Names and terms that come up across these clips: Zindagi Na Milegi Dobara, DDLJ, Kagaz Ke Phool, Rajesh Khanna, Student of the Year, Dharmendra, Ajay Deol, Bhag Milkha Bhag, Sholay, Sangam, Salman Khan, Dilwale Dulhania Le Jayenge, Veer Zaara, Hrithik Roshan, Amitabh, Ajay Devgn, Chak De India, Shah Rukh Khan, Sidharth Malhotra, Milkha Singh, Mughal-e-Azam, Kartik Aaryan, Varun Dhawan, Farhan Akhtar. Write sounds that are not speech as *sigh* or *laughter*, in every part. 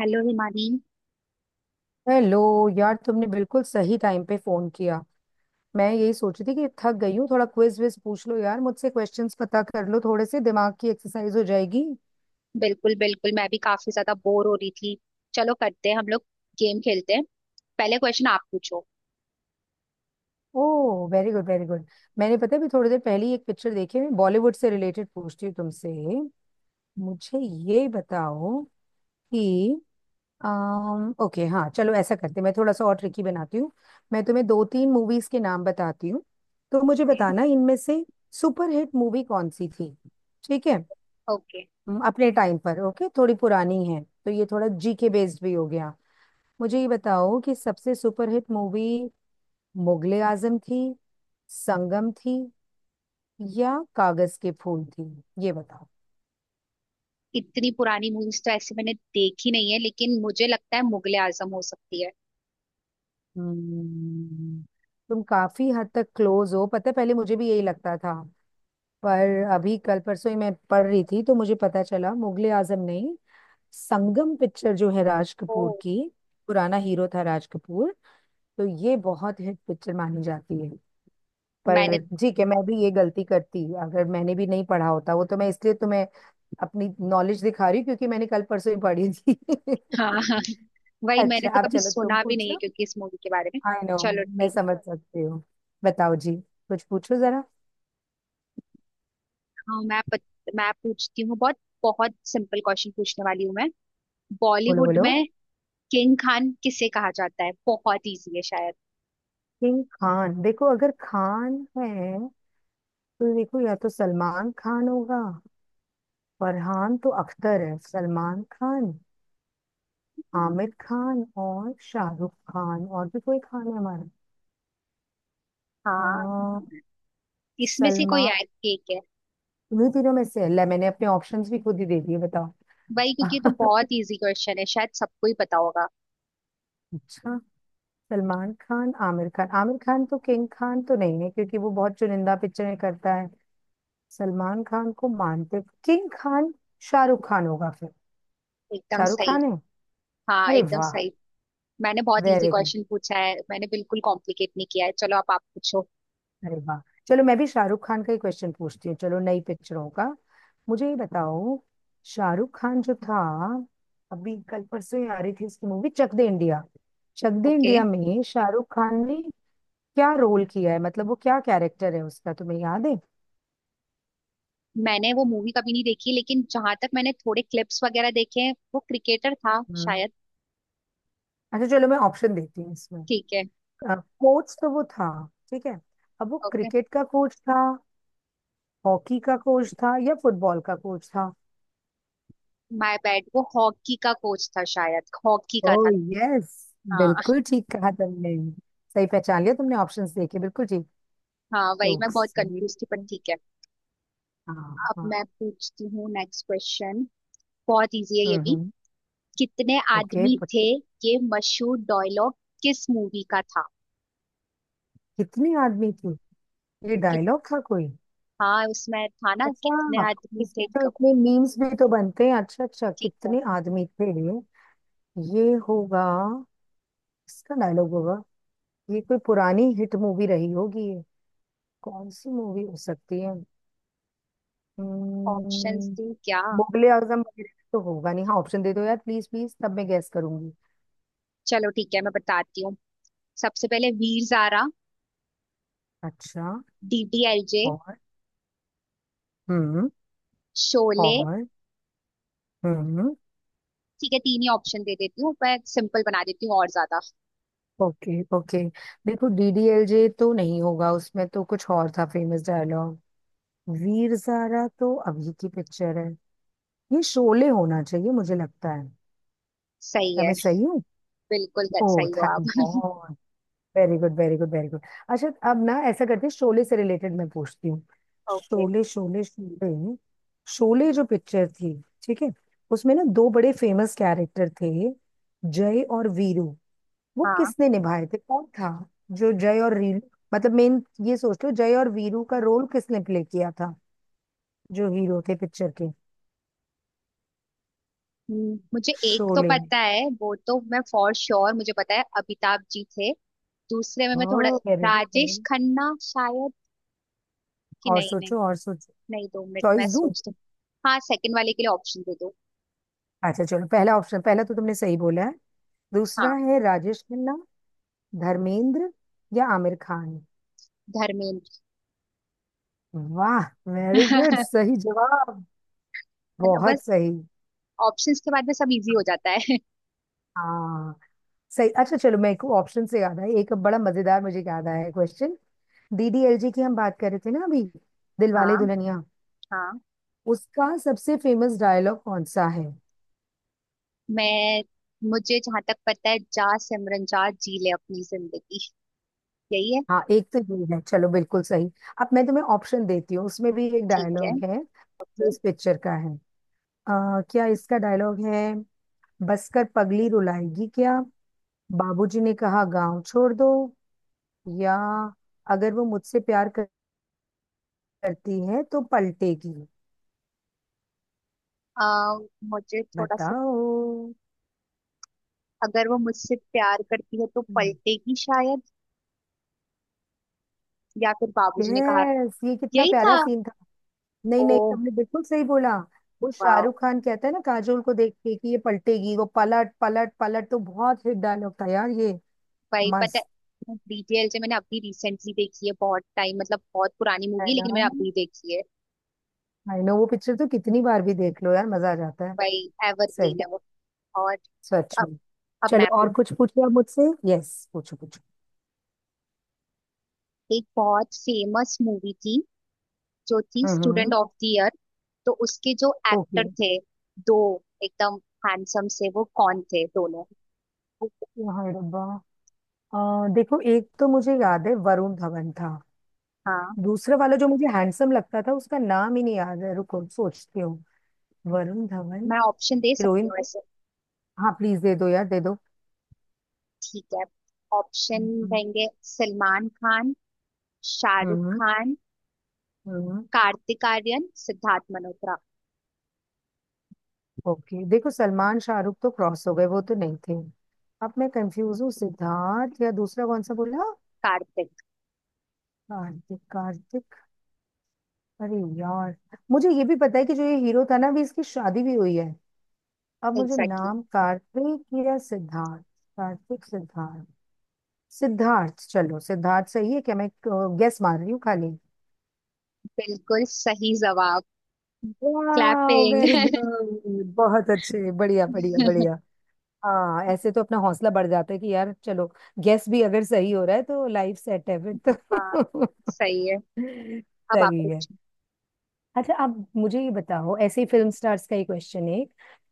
Hello Himani. Hello यार, तुमने बिल्कुल सही टाइम पे फोन किया। मैं यही सोच रही थी कि थक गई हूँ, थोड़ा क्विज विज पूछ लो यार मुझसे, क्वेश्चंस पता कर लो, थोड़े से दिमाग की एक्सरसाइज हो जाएगी। बिल्कुल बिल्कुल, मैं भी काफी ज्यादा बोर हो रही थी। चलो करते हैं हम लोग, गेम खेलते हैं। पहले क्वेश्चन आप पूछो। Oh, very good very good. मैंने पता है भी थोड़ी देर पहले ही एक पिक्चर देखी है। मैं बॉलीवुड से रिलेटेड पूछती हूँ तुमसे। मुझे ये बताओ कि अम ओके, हाँ चलो ऐसा करते हैं, मैं थोड़ा सा और ट्रिकी बनाती हूँ। मैं तुम्हें दो तीन मूवीज के नाम बताती हूँ, तो मुझे ओके बताना इनमें से सुपरहिट मूवी कौन सी थी। ठीक है। ओके। अपने टाइम पर ओके, थोड़ी पुरानी है तो ये थोड़ा जीके बेस्ड भी हो गया। मुझे ये बताओ कि सबसे सुपरहिट मूवी मुगले आजम थी, संगम थी, या कागज के फूल थी। ये बताओ। इतनी पुरानी मूवीज तो ऐसे मैंने देखी नहीं है, लेकिन मुझे लगता है मुगले आजम हो सकती है। हम्म। तुम काफी हद तक क्लोज हो, पता है पहले मुझे भी यही लगता था। पर अभी कल परसों ही मैं पढ़ रही थी तो मुझे पता चला मुगले आजम नहीं, संगम पिक्चर जो है राज ओ, कपूर की। पुराना हीरो था राज कपूर, तो ये बहुत हिट पिक्चर मानी जाती है। मैंने पर ठीक है, मैं भी ये गलती करती अगर मैंने भी नहीं पढ़ा होता वो, तो मैं इसलिए तुम्हें अपनी नॉलेज दिखा रही हूँ क्योंकि मैंने कल परसों ही पढ़ी थी। *laughs* हाँ *laughs* हाँ, वही मैंने अच्छा, तो आप कभी चलो तुम सुना भी नहीं है पूछो। क्योंकि इस मूवी के बारे में। आई नो, चलो मैं ठीक है। समझ सकती हूँ। बताओ जी, कुछ पूछो जरा। हाँ, मैं पूछती हूँ। बहुत बहुत सिंपल क्वेश्चन पूछने वाली हूँ मैं। बोलो बॉलीवुड बोलो। में किंग खान किसे कहा जाता है? बहुत इजी है शायद। किंग खान, देखो अगर खान है तो देखो या तो सलमान खान होगा, फरहान तो अख्तर है, सलमान खान, आमिर खान और शाहरुख खान, और भी कोई खान है हमारा? अ, हाँ, इसमें से कोई सलमान। एक है। तुम्हें तीनों में से, अल्लाह, मैंने अपने ऑप्शंस भी खुद ही दे दिए, बताओ। भाई, क्योंकि ये तो *laughs* बहुत इजी क्वेश्चन है, शायद सबको ही पता होगा। अच्छा, सलमान खान, आमिर खान, आमिर खान तो किंग खान तो नहीं है क्योंकि वो बहुत चुनिंदा पिक्चरें करता है। सलमान खान को मानते किंग खान? शाहरुख खान होगा फिर। एकदम शाहरुख सही। खान है। हाँ, अरे एकदम वाह, सही। मैंने बहुत इजी वेरी गुड। क्वेश्चन पूछा है, मैंने बिल्कुल कॉम्प्लिकेट नहीं किया है। चलो अब आप पूछो। अरे वाह, चलो मैं भी शाहरुख खान का ही क्वेश्चन पूछती हूँ, चलो नई पिक्चरों का। मुझे ये बताओ, शाहरुख खान जो था, अभी कल परसों ही आ रही थी उसकी movie Chak De India. Chak De okay. India में शाहरुख खान ने क्या रोल किया है, मतलब वो क्या कैरेक्टर है उसका, तुम्हें याद है? मैंने वो मूवी कभी नहीं देखी, लेकिन जहां तक मैंने थोड़े क्लिप्स वगैरह देखे हैं, वो क्रिकेटर था हम्म। शायद। अच्छा चलो, मैं ऑप्शन देती हूँ इसमें। ठीक है। कोच तो वो था, ठीक है, अब वो ओके। क्रिकेट का कोच था, हॉकी का कोच था, या फुटबॉल का कोच था? माय बैड, वो हॉकी का कोच था, शायद हॉकी का ओह, था। यस। हाँ। बिल्कुल ठीक कहा तुमने, सही पहचान लिया तुमने, ऑप्शंस देखे बिल्कुल ठीक। हाँ, वही तो मैं बहुत सही कंफ्यूज थी, पर है। ठीक है। हाँ अब हाँ। मैं पूछती हूँ नेक्स्ट क्वेश्चन। बहुत इजी है ये भी। हम्म। कितने ओके, आदमी पता। थे, ये मशहूर डायलॉग किस मूवी का था? कितने आदमी थी, ये कि, डायलॉग था कोई? हाँ, उसमें था ना कितने अच्छा, आदमी थे इसके तो कब। इतने मीम्स भी तो बनते हैं। अच्छा अच्छा, ठीक है। कितने आदमी थे, ये होगा, इसका डायलॉग होगा। ये कोई पुरानी हिट मूवी रही होगी ये, कौन सी मूवी हो सकती है? ऑप्शंस हम्म, थी क्या? मुगले आजम वगैरह तो होगा नहीं। हाँ, ऑप्शन दे दो यार, प्लीज प्लीज, तब मैं गैस करूंगी। चलो ठीक है, मैं बताती हूँ। सबसे पहले वीर ज़ारा, अच्छा। डीडीएलजे, और। हम्म। शोले। और। हम्म। ठीक है, तीन ही ऑप्शन दे देती हूँ, पर सिंपल बना देती हूँ और ज्यादा। Okay okay. देखो, डीडीएलजे तो नहीं होगा, उसमें तो कुछ और था फेमस डायलॉग। वीर ज़ारा तो अभी की पिक्चर है। ये शोले होना चाहिए, मुझे लगता है। सही क्या है। मैं सही हूँ? बिल्कुल ओह सही हो थैंक आप। God. Very good very good very good. अच्छा अब ना ऐसा करते हैं, शोले से रिलेटेड मैं पूछती हूँ। ओके। शोले शोले शोले। शोले जो पिक्चर थी, ठीक है, उसमें ना दो बड़े फेमस कैरेक्टर थे, जय और वीरू, वो हाँ। किसने निभाए थे, कौन था जो जय और वीरू, मतलब मेन, ये सोच लो जय और वीरू का रोल किसने प्ले किया था, जो हीरो थे पिक्चर के, मुझे एक तो शोले में? पता है, वो तो मैं फॉर श्योर मुझे पता है, अमिताभ जी थे। दूसरे में मैं थोड़ा। Oh, very good. Rajesh Khanna शायद। कि और नहीं नहीं। सोचो और सोचो। नहीं, 2 मिनट चॉइस मैं दूं? सोचती हूँ। हाँ, सेकंड वाले के लिए ऑप्शन दे दो। अच्छा चलो, पहला ऑप्शन पहला तो तुमने सही बोला है, हाँ, दूसरा है राजेश खन्ना, धर्मेंद्र, या आमिर खान। धर्मेंद्र। वाह, वेरी गुड, *laughs* सही जवाब। बस, बहुत सही। ऑप्शंस के बाद में सब इजी हो जाता है। हाँ सही। अच्छा चलो, मैं एक ऑप्शन से याद आया, एक बड़ा मजेदार मुझे याद आया है क्वेश्चन। डीडीएलजे की हम बात कर रहे थे ना अभी, *laughs* दिलवाले हाँ। दुल्हनिया, हाँ। उसका सबसे फेमस डायलॉग कौन सा है? मैं, मुझे जहां तक पता है, जा सिमरन जा जी ले अपनी जिंदगी, यही है। हाँ एक तो ये है, चलो बिल्कुल सही। अब मैं तुम्हें ऑप्शन देती हूँ, उसमें भी एक ठीक है। डायलॉग है जो okay. इस पिक्चर का है। क्या इसका डायलॉग है — बसकर पगली रुलाएगी क्या, बाबूजी ने कहा गांव छोड़ दो, या अगर वो मुझसे करती है तो पलटेगी? आ, मुझे थोड़ा सा, बताओ। अगर वो मुझसे प्यार करती है तो पलटेगी, शायद। या फिर बाबूजी ने कहा। यस, ये कितना यही प्यारा था। सीन था। नहीं ओ, नहीं, तुमने बिल्कुल सही बोला। वो वाह। शाहरुख खान कहता है ना काजोल को देख के कि ये पलटेगी, वो पलट पलट पलट, तो बहुत हिट डायलॉग था यार ये। भाई, पता मस्त। है, डीटेल से मैंने अभी रिसेंटली देखी है, बहुत टाइम मतलब बहुत पुरानी मूवी है है, ना। लेकिन मैंने अभी देखी है। आई नो, वो पिक्चर तो कितनी बार भी देख लो यार, मजा आ जाता है। भाई, एवरग्रीन सही, है वो। और। सच अब, में। मैं चलो आपको और कुछ पूछिए आप मुझसे। यस, पूछो पूछो। एक बहुत फेमस मूवी थी, जो थी स्टूडेंट हम्म। Of the year. तो उसके जो ओके, एक्टर थे, दो, एकदम हैंडसम से, वो कौन थे दोनों? ओके हड़ब्बा। देखो, एक तो मुझे याद है वरुण धवन था, हाँ, दूसरा वाला जो मुझे हैंडसम लगता था उसका नाम ही नहीं याद है, रुको सोचती हूँ। वरुण धवन। मैं ऑप्शन दे सकती हीरोइन हूँ तो। वैसे। हाँ प्लीज दे दो यार, दे दो। ठीक है। ऑप्शन हम्म रहेंगे सलमान खान, शाहरुख हम्म। खान, हम्म, कार्तिक आर्यन, सिद्धार्थ मल्होत्रा। ओके, देखो सलमान शाहरुख तो क्रॉस हो गए, वो तो नहीं थे। अब मैं कंफ्यूज हूँ, सिद्धार्थ या दूसरा कौन सा बोला? कार्तिक। कार्तिक कार्तिक। अरे यार, मुझे ये भी पता है कि जो ये हीरो था ना, अभी इसकी शादी भी हुई है। अब मुझे एग्जैक्टली। नाम, कार्तिक या सिद्धार्थ? कार्तिक सिद्धार्थ सिद्धार्थ, चलो सिद्धार्थ सही है क्या, मैं गेस मार रही हूँ खाली। बिल्कुल सही जवाब। वाह, क्लैपिंग। वेरी गुड, बहुत अच्छे, बढ़िया बढ़िया बढ़िया। *laughs* हाँ, ऐसे तो अपना हौसला बढ़ जाता है कि यार चलो, गेस भी अगर सही हो रहा है तो लाइफ सेट है फिर हाँ, तो। सही है। *laughs* अब आप सही है। पूछो। अच्छा आप मुझे ये बताओ, ऐसे ही फिल्म स्टार्स का ही क्वेश्चन है।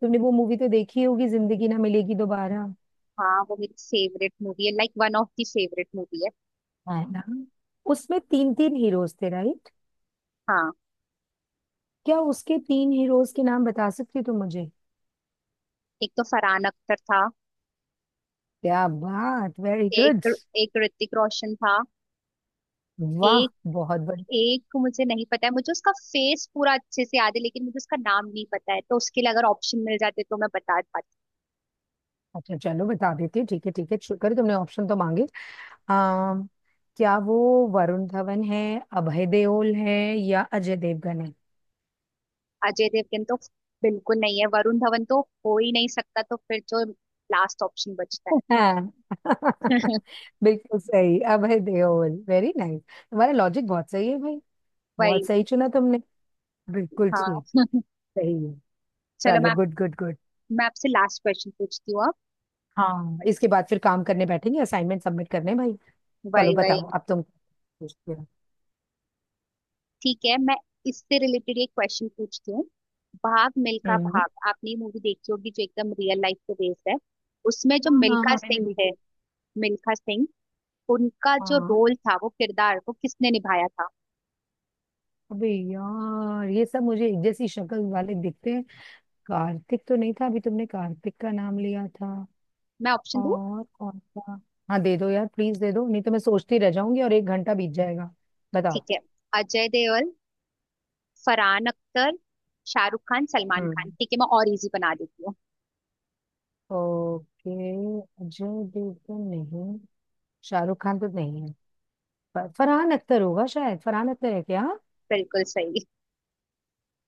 तुमने वो मूवी तो देखी होगी, जिंदगी ना मिलेगी दोबारा, है? हाँ, वो मेरी फेवरेट मूवी है, like 1 of the favourite movie है। हाँ ना। उसमें तीन तीन हीरोज थे, राइट? हाँ, क्या उसके तीन हीरोज के नाम बता सकती हो तुम मुझे? एक तो फरहान अख्तर था। क्या बात, वेरी गुड। एक, एक ऋतिक रोशन था। वाह, एक, बहुत बढ़िया। एक मुझे नहीं पता है, मुझे उसका फेस पूरा अच्छे से याद है, लेकिन मुझे उसका नाम नहीं पता है, तो उसके लिए अगर ऑप्शन मिल जाते तो मैं बता पाती। अच्छा चलो बता देती हूँ, ठीक है ठीक है, शुक्र तुमने ऑप्शन तो मांगे। आ, क्या वो वरुण धवन है, अभय देओल है, या अजय देवगन है? अजय देवगन तो बिल्कुल नहीं है, वरुण धवन तो हो ही नहीं सकता, तो फिर जो लास्ट ऑप्शन बचता है, हाँ, *laughs* बिल्कुल सही, अभय देओल, वेरी नाइस। तुम्हारा लॉजिक बहुत सही है भाई। वही। बहुत सही चुना तुमने, बिल्कुल हाँ। ठीक। सही है। चलो, चलो, गुड गुड गुड। मैं आपसे लास्ट क्वेश्चन पूछती हूँ अब। हाँ, इसके बाद फिर काम करने बैठेंगे, असाइनमेंट सबमिट करने भाई। चलो वाई वाई। बताओ, अब तुम पूछते हो। ठीक है, मैं इससे रिलेटेड एक क्वेश्चन पूछती हूँ। भाग मिल्खा हम्म। भाग, आपने ये मूवी देखी होगी, जो एकदम रियल लाइफ पे बेस्ड है। उसमें जो हाँ हाँ हाँ, मिल्खा मैंने सिंह है, देखी। मिल्खा सिंह, उनका जो हाँ। रोल था, वो किरदार वो किसने निभाया था? अबे यार, ये सब मुझे एक जैसी शक्ल वाले दिखते हैं। कार्तिक तो नहीं था, अभी तुमने कार्तिक का नाम लिया था। मैं ऑप्शन दूँ? और कौन सा? हाँ दे दो यार, प्लीज दे दो, नहीं तो मैं सोचती रह जाऊंगी और एक घंटा बीत जाएगा। बताओ। ठीक है, अजय देओल, फरहान अख्तर, शाहरुख खान, सलमान खान। हम्म। ठीक है, मैं और इजी बना देती हूँ। ओके। अजय देवगन नहीं। शाहरुख खान तो नहीं है। फरहान अख्तर होगा शायद, फरहान अख्तर है क्या? बिल्कुल सही।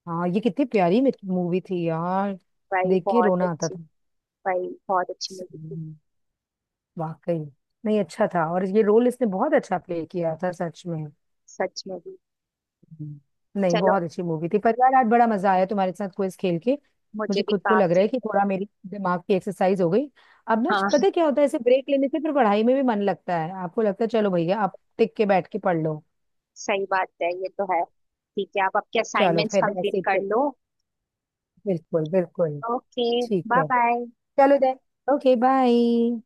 हाँ, ये कितनी प्यारी मूवी थी यार, भाई देख के बहुत रोना आता अच्छी। था। भाई, बहुत अच्छी मूवी थी। सही है। वाकई। नहीं अच्छा था, और ये रोल इसने बहुत अच्छा प्ले किया था, सच में। सच में भी। हम्म। नहीं, चलो, बहुत अच्छी मूवी थी, पर यार आज बड़ा मजा आया तुम्हारे साथ क्विज खेल के। मुझे मुझे भी खुद को लग रहा काफी। है कि थोड़ा मेरी दिमाग की एक्सरसाइज हो गई। अब ना हाँ, पता है क्या होता है, ऐसे ब्रेक लेने से फिर पढ़ाई में भी मन लगता है, आपको लगता है चलो भैया आप टिक के बैठ के पढ़ लो। सही बात है, ये तो है। ठीक है, आप आपके चलो असाइनमेंट्स फिर कंप्लीट ऐसे ही कर फिर- लो। बिल्कुल बिल्कुल। ओके, ठीक बाय है। बाय। चलो देन, ओके, बाय।